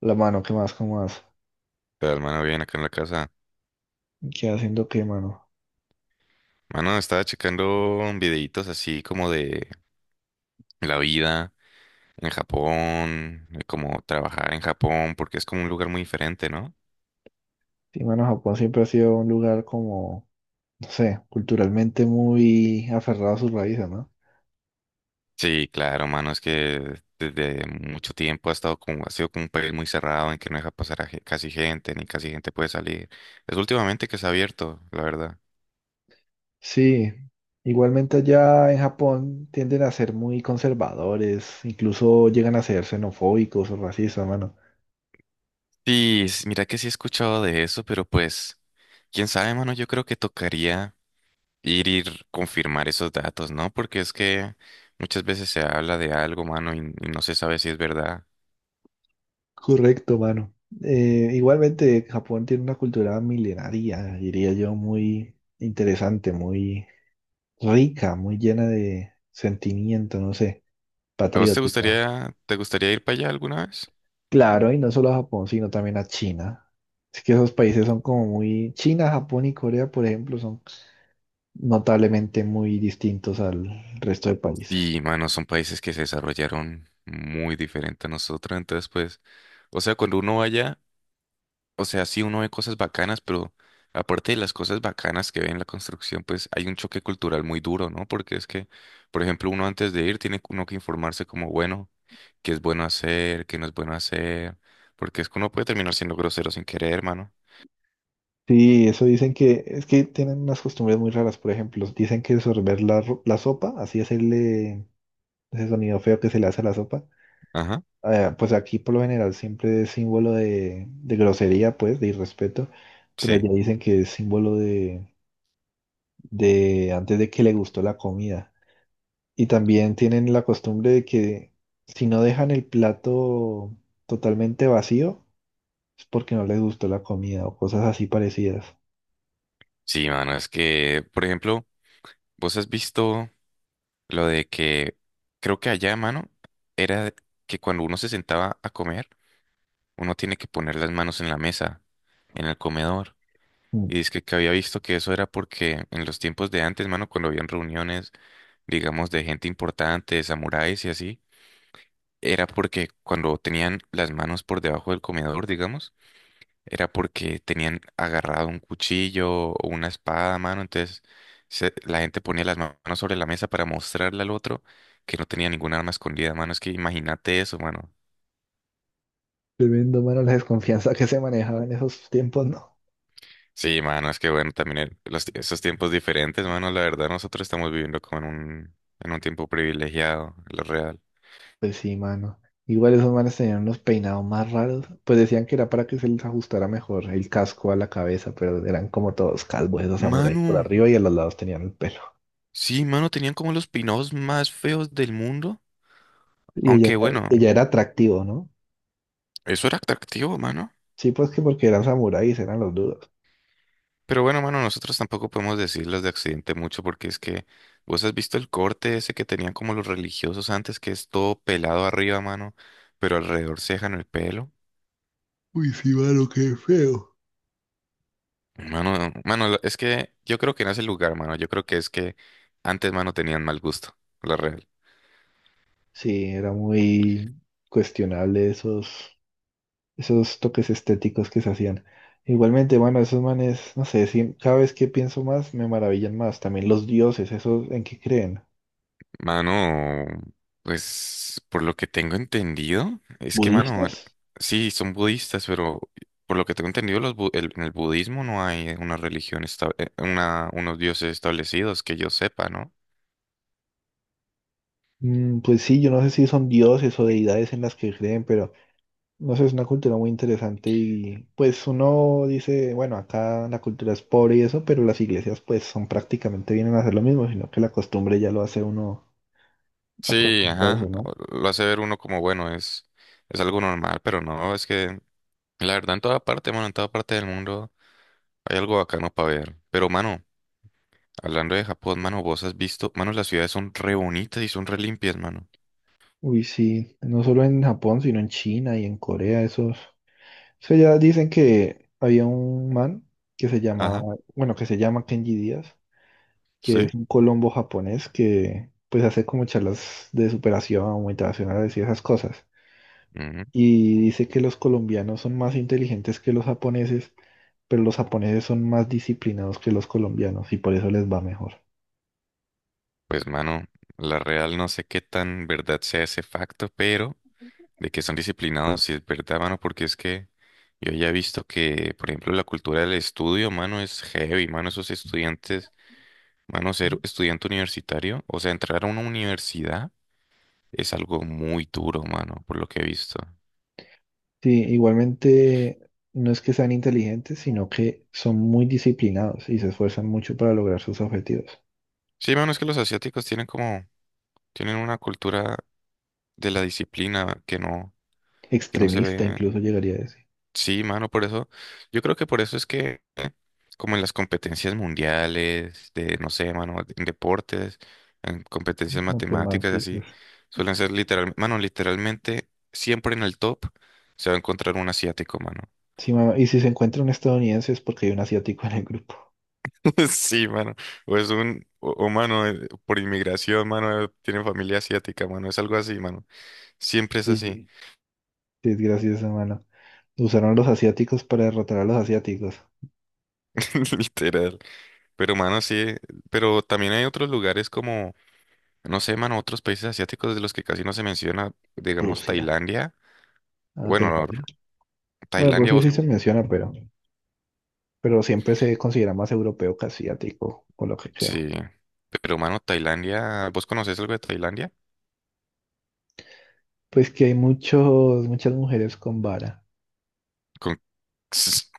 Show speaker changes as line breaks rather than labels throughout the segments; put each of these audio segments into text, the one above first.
La mano, ¿qué más? ¿Cómo más?
Todo el mano bien acá en la casa.
¿Qué haciendo qué, mano?
Mano, estaba checando videitos así como de la vida en Japón, de cómo trabajar en Japón, porque es como un lugar muy diferente, ¿no?
Sí, mano, Japón siempre ha sido un lugar como, no sé, culturalmente muy aferrado a sus raíces, ¿no?
Sí, claro, mano, es que desde mucho tiempo ha estado como, ha sido como un país muy cerrado en que no deja pasar a ge- casi gente, ni casi gente puede salir. Es últimamente que se ha abierto, la verdad.
Sí, igualmente allá en Japón tienden a ser muy conservadores, incluso llegan a ser xenofóbicos o racistas, mano.
Sí, mira que sí he escuchado de eso, pero pues, quién sabe, mano, yo creo que tocaría ir, confirmar esos datos, ¿no? Porque es que muchas veces se habla de algo, mano, y no se sabe si es verdad.
Correcto, mano. Igualmente, Japón tiene una cultura milenaria, diría yo, muy interesante, muy rica, muy llena de sentimiento, no sé,
¿A vos
patriótico.
te gustaría ir para allá alguna vez?
Claro, y no solo a Japón, sino también a China. Es que esos países son como muy... China, Japón y Corea, por ejemplo, son notablemente muy distintos al resto de países.
Sí, mano, son países que se desarrollaron muy diferente a nosotros, entonces pues, o sea, cuando uno vaya. O sea, sí, uno ve cosas bacanas, pero aparte de las cosas bacanas que ve en la construcción, pues hay un choque cultural muy duro, ¿no? Porque es que, por ejemplo, uno antes de ir tiene uno que informarse como, bueno, qué es bueno hacer, qué no es bueno hacer, porque es que uno puede terminar siendo grosero sin querer, hermano.
Sí, eso dicen que es que tienen unas costumbres muy raras, por ejemplo, dicen que sorber la, la sopa, así hacerle ese sonido feo que se le hace a la sopa,
Ajá.
pues aquí por lo general siempre es símbolo de grosería, pues, de irrespeto, pero allá
Sí,
dicen que es símbolo de antes de que le gustó la comida. Y también tienen la costumbre de que si no dejan el plato totalmente vacío, es porque no les gustó la comida o cosas así parecidas.
sí, mano, es que, por ejemplo, vos has visto lo de que, creo que allá, mano, era que cuando uno se sentaba a comer, uno tiene que poner las manos en la mesa, en el comedor.
Mm.
Y es que había visto que eso era porque en los tiempos de antes, mano, cuando habían reuniones, digamos, de gente importante, de samuráis y así, era porque cuando tenían las manos por debajo del comedor, digamos, era porque tenían agarrado un cuchillo o una espada, mano. Entonces, la gente ponía las manos sobre la mesa para mostrarle al otro que no tenía ningún arma escondida, mano. Es que imagínate eso, mano.
Tremendo, mano, la desconfianza que se manejaba en esos tiempos, ¿no?
Sí, mano, es que bueno, también los, esos tiempos diferentes, mano, la verdad, nosotros estamos viviendo como en en un tiempo privilegiado, lo real.
Pues sí, mano. Igual esos manes tenían unos peinados más raros. Pues decían que era para que se les ajustara mejor el casco a la cabeza, pero eran como todos calvos esos samuráis por
Mano,
arriba y a los lados tenían el pelo.
sí, mano, tenían como los pinados más feos del mundo.
Y ella,
Aunque bueno,
ella era atractivo, ¿no?
eso era atractivo, mano.
Sí, pues que porque eran samuráis, eran los duros.
Pero bueno, mano, nosotros tampoco podemos decir los de accidente mucho porque es que vos has visto el corte ese que tenían como los religiosos antes, que es todo pelado arriba, mano, pero alrededor se dejan el pelo.
Uy, sí, mano, qué feo.
Mano, mano, es que yo creo que no es el lugar, mano. Yo creo que es que antes, mano, tenían mal gusto, la real.
Sí, era muy cuestionable esos, esos toques estéticos que se hacían. Igualmente, bueno, esos manes, no sé, sí, cada vez que pienso más, me maravillan más. También los dioses, ¿esos en qué creen?
Mano, pues por lo que tengo entendido, es que, mano,
¿Budistas?
sí, son budistas, pero por lo que tengo entendido, en el budismo no hay una religión, una, unos dioses establecidos que yo sepa, ¿no?
Mm, pues sí, yo no sé si son dioses o deidades en las que creen, pero no sé, es una cultura muy interesante y pues uno dice, bueno, acá la cultura es pobre y eso, pero las iglesias pues son prácticamente vienen a hacer lo mismo, sino que la costumbre ya lo hace uno
Sí,
acostumbrarse,
ajá,
¿no?
lo hace ver uno como, bueno, es algo normal, pero no, es que la verdad en toda parte, mano, en toda parte del mundo hay algo bacano para ver. Pero, mano. Hablando de Japón, mano, vos has visto, mano, las ciudades son re bonitas y son re limpias, mano.
Uy, sí, no solo en Japón, sino en China y en Corea, esos. O sea, ya dicen que había un man que se llamaba,
Ajá,
bueno, que se llama Kenji Díaz, que
sí.
es un colombo japonés que pues hace como charlas de superación motivacionales y esas cosas.
Ujú.
Y dice que los colombianos son más inteligentes que los japoneses, pero los japoneses son más disciplinados que los colombianos y por eso les va mejor.
Pues, mano, la real no sé qué tan verdad sea ese facto, pero de que son disciplinados, sí es verdad, mano, porque es que yo ya he visto que, por ejemplo, la cultura del estudio, mano, es heavy, mano, esos estudiantes, mano, ser estudiante universitario, o sea, entrar a una universidad es algo muy duro, mano, por lo que he visto.
Sí, igualmente no es que sean inteligentes, sino que son muy disciplinados y se esfuerzan mucho para lograr sus objetivos.
Sí, mano, es que los asiáticos tienen como, tienen una cultura de la disciplina que no se
Extremista
ve.
incluso llegaría a decir.
Sí, mano, por eso, yo creo que por eso es que como en las competencias mundiales, de, no sé, mano, en deportes, en competencias matemáticas, así,
Matemáticas.
suelen ser literal mano, literalmente, siempre en el top se va a encontrar un asiático, mano.
Sí, y si se encuentra un estadounidense es porque hay un asiático en el grupo.
Sí, mano, o es un, mano, por inmigración, mano, tiene familia asiática, mano, es algo así, mano, siempre es
Sí,
así.
sí, es gracioso, hermano. Usaron los asiáticos para derrotar a los asiáticos.
Literal. Pero, mano, sí, pero también hay otros lugares como. No sé, mano, otros países asiáticos de los que casi no se menciona, digamos
Rusia.
Tailandia.
Ah,
Bueno, no,
Tailandia. Bueno,
Tailandia
Rusia
vos,
sí se menciona, pero siempre se considera más europeo que asiático, por lo que creo.
sí, pero mano, Tailandia, ¿vos conocés algo de Tailandia?
Pues que hay muchos, muchas mujeres con vara.
Con-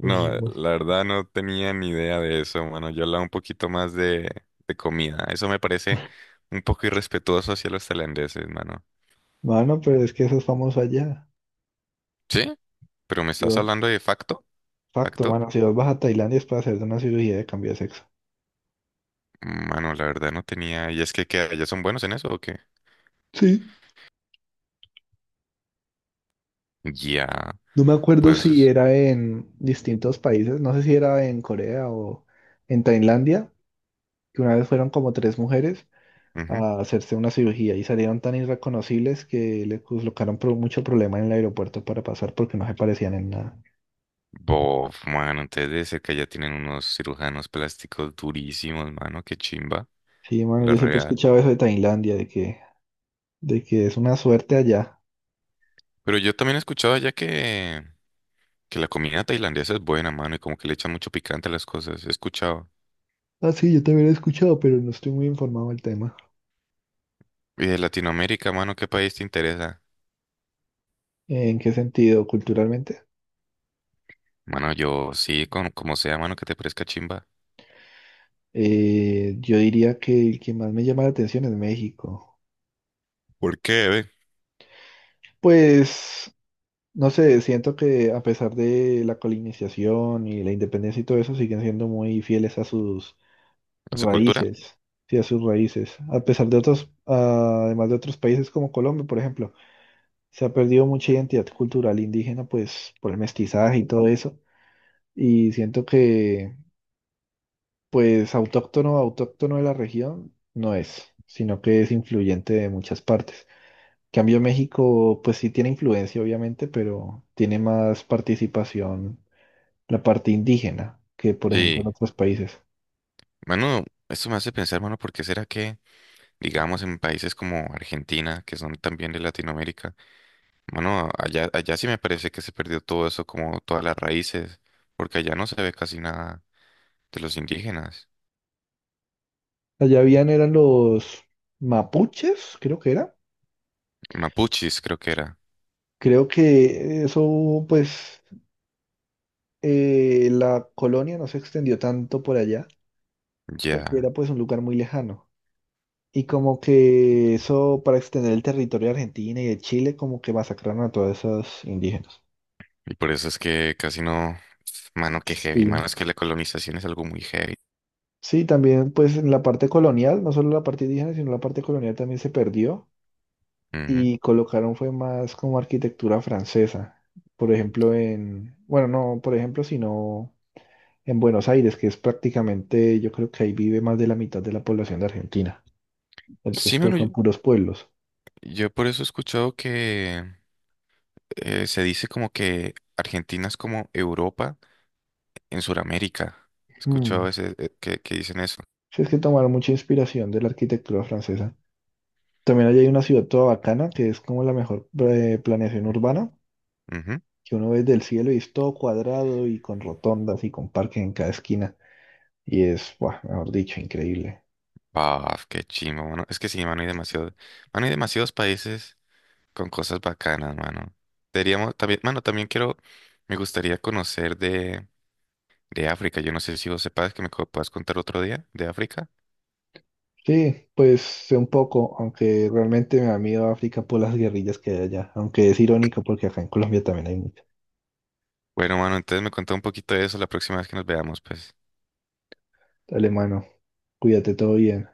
Pues, pues,
la verdad no tenía ni idea de eso, mano. Yo hablaba un poquito más de comida. Eso me parece un poco irrespetuoso hacia los tailandeses, mano.
mano, pero es que eso es famoso allá.
¿Sí? ¿Pero me estás
Yo-
hablando de facto?
Facto,
¿Factor?
mano, si vos vas a Tailandia es para hacerte una cirugía de cambio de sexo.
Mano, la verdad no tenía. ¿Y es que allá son buenos en eso o qué?
Sí.
Ya,
No me acuerdo si
pues...
era en distintos países, no sé si era en Corea o en Tailandia, que una vez fueron como tres mujeres
Ujú.
a hacerse una cirugía y salieron tan irreconocibles que le colocaron mucho problema en el aeropuerto para pasar porque no se parecían en nada.
Bof, mano, entonces debe ser que allá tienen unos cirujanos plásticos durísimos, mano, qué chimba,
Sí, mano,
la
yo siempre he
real.
escuchado eso de Tailandia, de que es una suerte allá.
Pero yo también he escuchado allá que la comida tailandesa es buena, mano, y como que le echan mucho picante a las cosas, he escuchado.
Ah, sí, yo también lo he escuchado, pero no estoy muy informado del tema.
Y de Latinoamérica, mano, ¿qué país te interesa?
¿En qué sentido? Culturalmente.
Mano, yo sí, con, como sea, mano, que te parezca chimba.
Yo diría que el que más me llama la atención es México.
¿Por qué, ve?
Pues, no sé, siento que a pesar de la colonización y la independencia y todo eso, siguen siendo muy fieles a sus
¿La su cultura?
raíces. Sí, a sus raíces. A pesar de otros, ah, además de otros países como Colombia, por ejemplo, se ha perdido mucha identidad cultural indígena, pues, por el mestizaje y todo eso. Y siento que pues autóctono, autóctono de la región no es, sino que es influyente de muchas partes. En cambio, México, pues sí tiene influencia, obviamente, pero tiene más participación la parte indígena que, por ejemplo, en
Sí.
otros países.
Mano, esto me hace pensar, mano, ¿por qué será que, digamos, en países como Argentina, que son también de Latinoamérica, mano, allá sí me parece que se perdió todo eso, como todas las raíces, porque allá no se ve casi nada de los indígenas.
Allá habían, eran los mapuches, creo que era.
Mapuches creo que era.
Creo que eso, pues, la colonia no se extendió tanto por allá, porque
Ya.
era pues un lugar muy lejano. Y como que eso para extender el territorio de Argentina y de Chile, como que masacraron a todas esas indígenas.
Y por eso es que casi no... Mano, qué heavy, mano,
Sí.
es que la colonización es algo muy heavy.
Sí, también pues en la parte colonial, no solo la parte indígena, sino la parte colonial también se perdió
Ujú.
y colocaron fue más como arquitectura francesa. Por ejemplo, en, bueno, no, por ejemplo, sino en Buenos Aires, que es prácticamente, yo creo que ahí vive más de la mitad de la población de Argentina. El
Sí,
resto
mano, yo,
son puros pueblos.
yo por eso he escuchado que se dice como que Argentina es como Europa en Sudamérica. He escuchado
Mm.
ese, que dicen eso.
Sí, es que tomaron mucha inspiración de la arquitectura francesa. También allá hay una ciudad toda bacana, que es como la mejor planeación urbana,
Ujú.
que uno ve desde el cielo y es todo cuadrado y con rotondas y con parques en cada esquina. Y es, buah, mejor dicho, increíble.
Paf, qué chimbo, mano. Es que sí, mano, hay demasiado, mano, hay demasiados países con cosas bacanas, mano. Deberíamos, también, mano, también quiero, me gustaría conocer de África. Yo no sé si vos sepas que me puedas contar otro día de África.
Sí, pues sé un poco, aunque realmente me da miedo África por las guerrillas que hay allá. Aunque es irónico porque acá en Colombia también hay muchas.
Bueno, mano, entonces me contá un poquito de eso la próxima vez que nos veamos, pues.
Dale, mano, cuídate, todo bien.